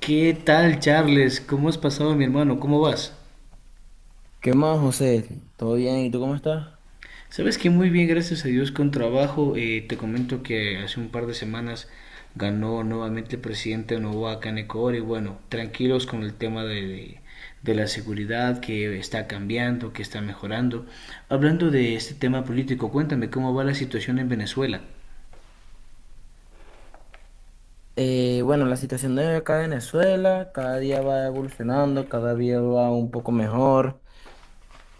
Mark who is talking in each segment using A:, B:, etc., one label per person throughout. A: ¿Qué tal, Charles? ¿Cómo has pasado, mi hermano? ¿Cómo vas?
B: ¿Qué más, José? ¿Todo bien? ¿Y tú cómo estás?
A: Sabes que muy bien, gracias a Dios, con trabajo. Te comento que hace un par de semanas ganó nuevamente el presidente Noboa Kaneko y bueno, tranquilos con el tema de la seguridad que está cambiando, que está mejorando. Hablando de este tema político, cuéntame cómo va la situación en Venezuela.
B: Bueno, la situación de acá en Venezuela cada día va evolucionando, cada día va un poco mejor.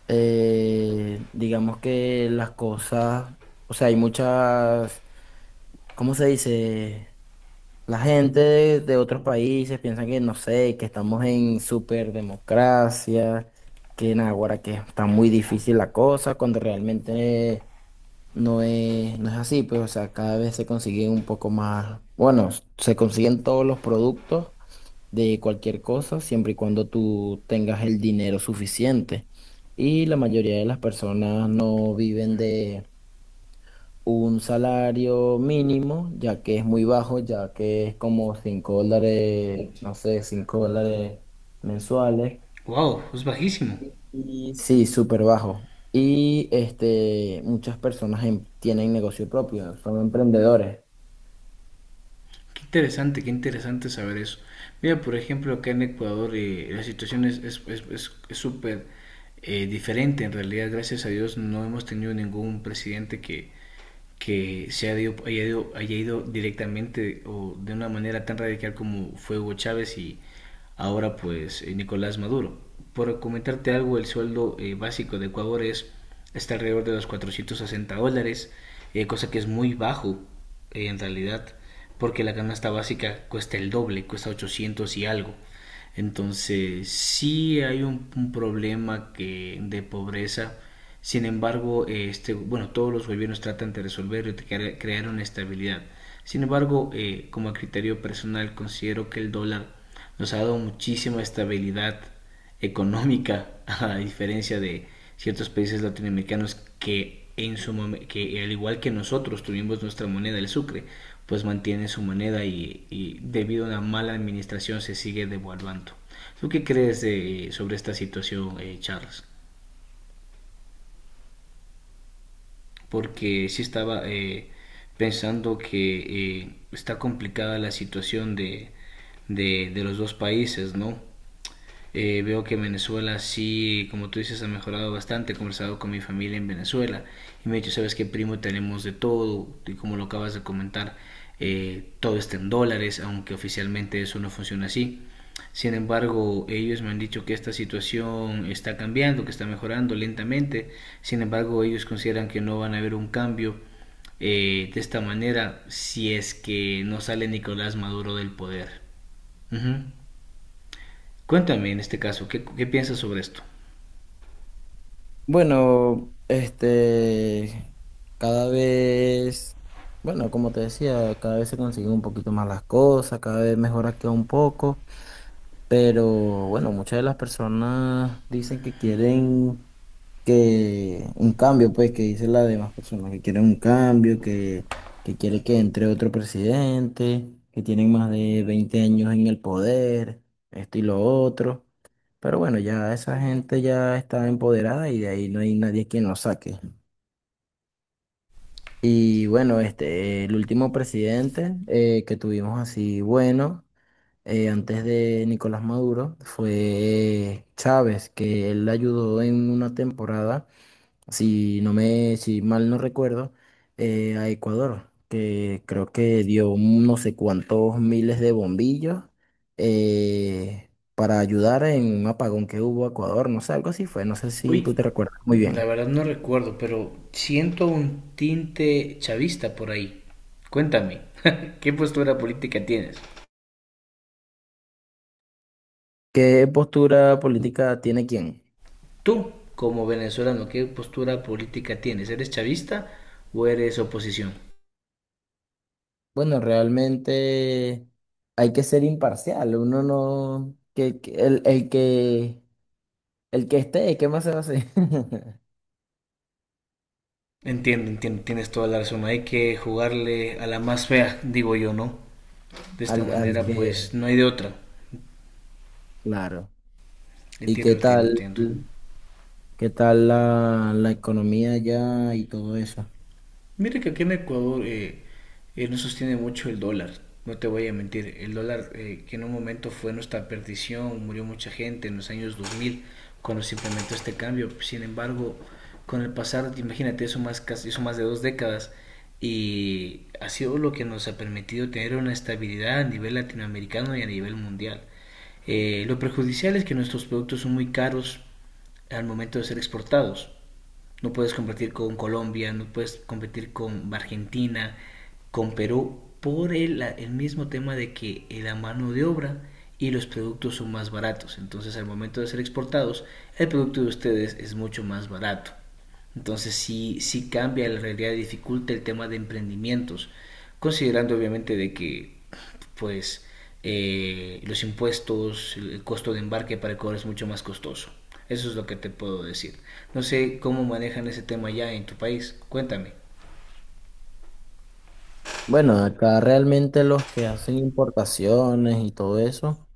B: Digamos que las cosas, o sea, hay muchas, ¿cómo se dice? La gente de otros países piensa que, no sé, que estamos en superdemocracia, que en ahora que está muy difícil la cosa, cuando realmente no es, no es así, pues, o sea, cada vez se consigue un poco más, bueno, se consiguen todos los productos de cualquier cosa, siempre y cuando tú tengas el dinero suficiente. Y la mayoría de las personas no viven de un salario mínimo, ya que es muy bajo, ya que es como $5, no sé, $5 mensuales.
A: Wow, es bajísimo.
B: Y sí, súper bajo. Y este, muchas personas tienen negocio propio, son emprendedores.
A: Qué interesante saber eso. Mira, por ejemplo, acá en Ecuador la situación es súper diferente. En realidad, gracias a Dios, no hemos tenido ningún presidente que se haya ido, directamente o de una manera tan radical como fue Hugo Chávez y ahora pues Nicolás Maduro. Por comentarte algo, el sueldo básico de Ecuador es, está alrededor de los $460, cosa que es muy bajo en realidad, porque la canasta básica cuesta el doble, cuesta 800 y algo. Entonces, sí hay un problema que, de pobreza. Sin embargo, este, bueno, todos los gobiernos tratan de resolverlo y de crear una estabilidad. Sin embargo, como a criterio personal, considero que el dólar nos ha dado muchísima estabilidad económica, a diferencia de ciertos países latinoamericanos que, que al igual que nosotros tuvimos nuestra moneda, el sucre, pues mantiene su moneda y debido a una mala administración se sigue devaluando. ¿Tú qué crees sobre esta situación, Charles? Porque sí estaba pensando que está complicada la situación de los dos países, ¿no? Veo que Venezuela sí, como tú dices, ha mejorado bastante. He conversado con mi familia en Venezuela y me ha dicho, sabes qué, primo, tenemos de todo. Y como lo acabas de comentar, todo está en dólares, aunque oficialmente eso no funciona así. Sin embargo, ellos me han dicho que esta situación está cambiando, que está mejorando lentamente. Sin embargo, ellos consideran que no van a haber un cambio de esta manera si es que no sale Nicolás Maduro del poder. Ujú. Cuéntame en este caso, ¿qué piensas sobre esto?
B: Bueno, este, cada vez, bueno, como te decía, cada vez se consiguen un poquito más las cosas, cada vez mejora queda un poco, pero bueno, muchas de las personas dicen que quieren que un cambio, pues, que dicen las demás personas, que quieren un cambio, que quiere que entre otro presidente, que tienen más de 20 años en el poder, esto y lo otro. Pero bueno, ya esa gente ya está empoderada y de ahí no hay nadie quien lo saque. Y bueno, este, el último presidente que tuvimos así, bueno, antes de Nicolás Maduro, fue Chávez, que él ayudó en una temporada si mal no recuerdo, a Ecuador, que creo que dio no sé cuántos miles de bombillos eh, para ayudar en un apagón que hubo a Ecuador, no sé, algo así fue, no sé si tú
A: Uy,
B: te recuerdas muy
A: la
B: bien.
A: verdad no recuerdo, pero siento un tinte chavista por ahí. Cuéntame, ¿qué postura política tienes?
B: ¿Qué postura política tiene quién?
A: Tú, como venezolano, ¿qué postura política tienes? ¿Eres chavista o eres oposición?
B: Bueno, realmente hay que ser imparcial, uno no, que el que esté, ¿qué más se va a hacer?
A: Entiendo, entiendo, tienes toda la razón. Hay que jugarle a la más fea, digo yo, ¿no? De esta
B: Al Mm.
A: manera, pues no hay de otra.
B: Claro. ¿Y
A: Entiendo,
B: qué
A: entiendo,
B: tal?
A: entiendo.
B: ¿Qué tal la economía allá y todo eso?
A: Mire que aquí en Ecuador no sostiene mucho el dólar, no te voy a mentir. El dólar que en un momento fue nuestra perdición, murió mucha gente en los años 2000 cuando se implementó este cambio. Sin embargo, con el pasar, imagínate, eso más de 2 décadas y ha sido lo que nos ha permitido tener una estabilidad a nivel latinoamericano y a nivel mundial. Lo perjudicial es que nuestros productos son muy caros al momento de ser exportados. No puedes competir con Colombia, no puedes competir con Argentina, con Perú, por el mismo tema de que la mano de obra y los productos son más baratos. Entonces al momento de ser exportados, el producto de ustedes es mucho más barato. Entonces sí, sí cambia la realidad, dificulta el tema de emprendimientos, considerando obviamente de que pues los impuestos, el costo de embarque para Ecuador es mucho más costoso. Eso es lo que te puedo decir. No sé cómo manejan ese tema ya en tu país. Cuéntame.
B: Bueno, acá realmente los que hacen importaciones y todo eso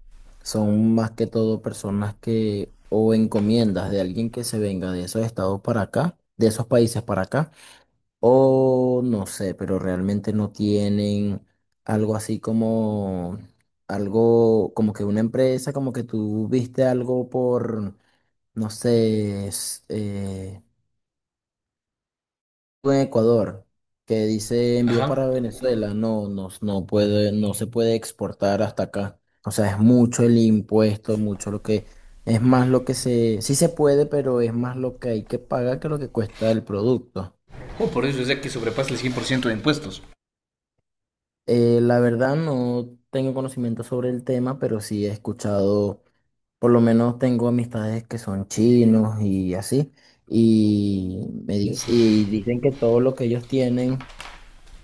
B: son más que todo personas que o encomiendas de alguien que se venga de esos estados para acá, de esos países para acá, o no sé, pero realmente no tienen algo así como algo como que una empresa, como que tú viste algo por, no sé, en Ecuador que dice envíos
A: Ajá.
B: para Venezuela, no, no, no se puede exportar hasta acá. O sea, es mucho el impuesto, mucho lo que, es más lo que se, sí se puede, pero es más lo que hay que pagar que lo que cuesta el producto.
A: Oh, por eso es de que sobrepasa el 100% de impuestos.
B: La verdad no tengo conocimiento sobre el tema, pero sí he escuchado, por lo menos tengo amistades que son chinos y así, y dicen que todo lo que ellos tienen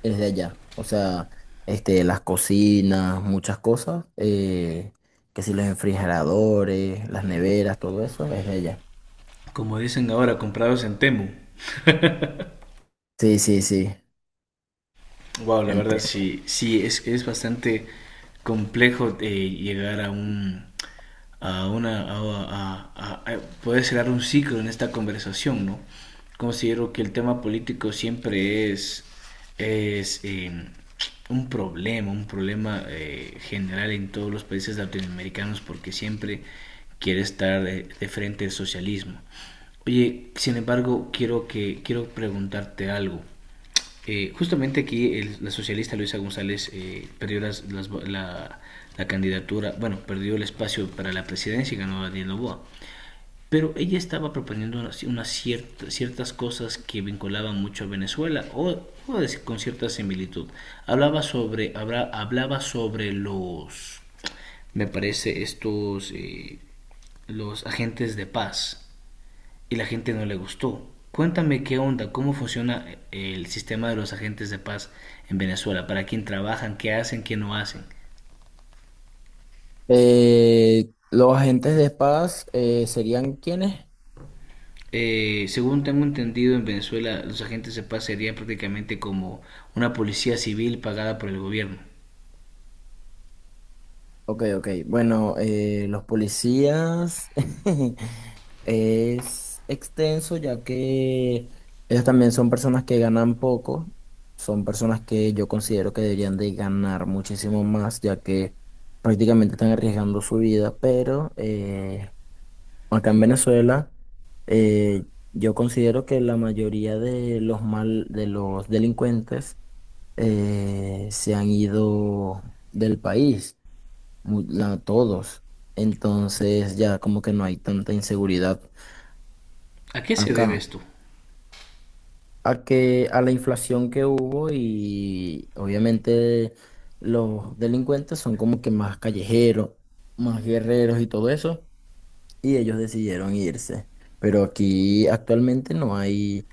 B: es de allá. O sea, este, las cocinas, muchas cosas, que si los refrigeradores, las neveras, todo eso es de allá.
A: Como dicen ahora, comprados en Temu.
B: Sí, sí, sí,
A: Wow, la verdad
B: entiendo.
A: sí, sí, es bastante complejo llegar a un, a una, a poder cerrar un ciclo en esta conversación, ¿no? Considero que el tema político siempre es un problema general en todos los países latinoamericanos porque siempre quiere estar de frente al socialismo. Oye, sin embargo, quiero preguntarte algo. Justamente aquí la socialista Luisa González perdió la candidatura, bueno, perdió el espacio para la presidencia y ganó a Daniel Noboa. Pero ella estaba proponiendo unas ciertas cosas que vinculaban mucho a Venezuela o, con cierta similitud. Hablaba sobre los, me parece, estos, los agentes de paz y la gente no le gustó. Cuéntame qué onda, cómo funciona el sistema de los agentes de paz en Venezuela, para quién trabajan, qué hacen, qué no hacen.
B: Los agentes de espadas serían ¿quiénes?
A: Según tengo entendido, en Venezuela los agentes de paz serían prácticamente como una policía civil pagada por el gobierno.
B: Ok, ok. Bueno, los policías es extenso ya que ellos también son personas que ganan poco, son personas que yo considero que deberían de ganar muchísimo más ya que prácticamente están arriesgando su vida, pero acá en Venezuela eh, yo considero que la mayoría de de los delincuentes se han ido del país todos. Entonces ya como que no hay tanta inseguridad
A: ¿A qué se debe
B: acá.
A: esto?
B: A que a la inflación que hubo y obviamente los delincuentes son como que más callejeros, más guerreros y todo eso, y ellos decidieron irse. Pero aquí actualmente no hay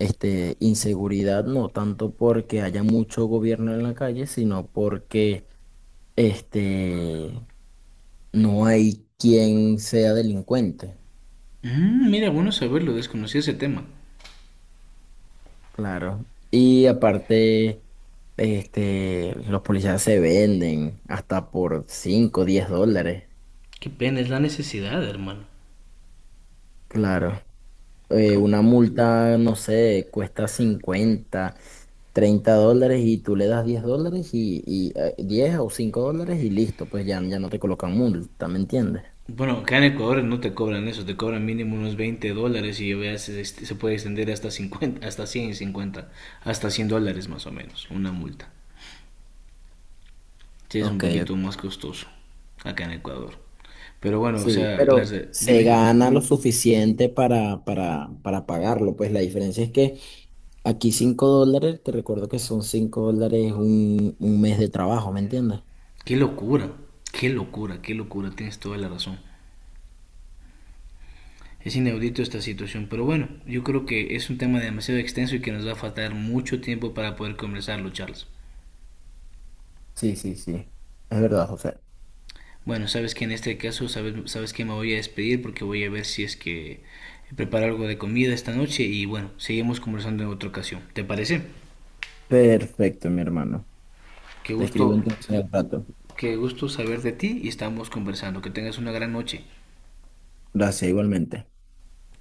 B: este, inseguridad, no tanto porque haya mucho gobierno en la calle, sino porque este, no hay quien sea delincuente.
A: Mm, mira, bueno saberlo, desconocí ese tema.
B: Claro. Y aparte, este, los policías se venden hasta por $5, $10.
A: Qué pena, es la necesidad, hermano.
B: Claro.
A: Oh,
B: Una multa, no sé, cuesta 50, $30 y tú le das $10 y 10 o $5 y listo, pues ya, ya no te colocan multa, ¿me entiendes?
A: bueno, acá en Ecuador no te cobran eso, te cobran mínimo unos $20 y a veces este, se puede extender hasta 50, hasta 150, hasta $100 más o menos, una multa. Sí, es un
B: Ok,
A: poquito más costoso acá en Ecuador. Pero bueno, o
B: sí,
A: sea,
B: pero se
A: dime,
B: gana lo suficiente para pagarlo. Pues la diferencia es que aquí $5, te recuerdo que son $5 un mes de trabajo, ¿me entiendes?
A: qué locura, qué locura, qué locura, tienes toda la razón. Es inaudito esta situación, pero bueno, yo creo que es un tema demasiado extenso y que nos va a faltar mucho tiempo para poder conversarlo, Charles.
B: Sí, sí, sí. Es verdad, José.
A: Bueno, sabes que en este caso, sabes que me voy a despedir porque voy a ver si es que preparo algo de comida esta noche y bueno, seguimos conversando en otra ocasión. ¿Te parece?
B: Perfecto, mi hermano.
A: Qué
B: Te escribo
A: gusto,
B: entonces al rato.
A: qué gusto saber de ti y estamos conversando. Que tengas una gran noche.
B: Gracias, igualmente.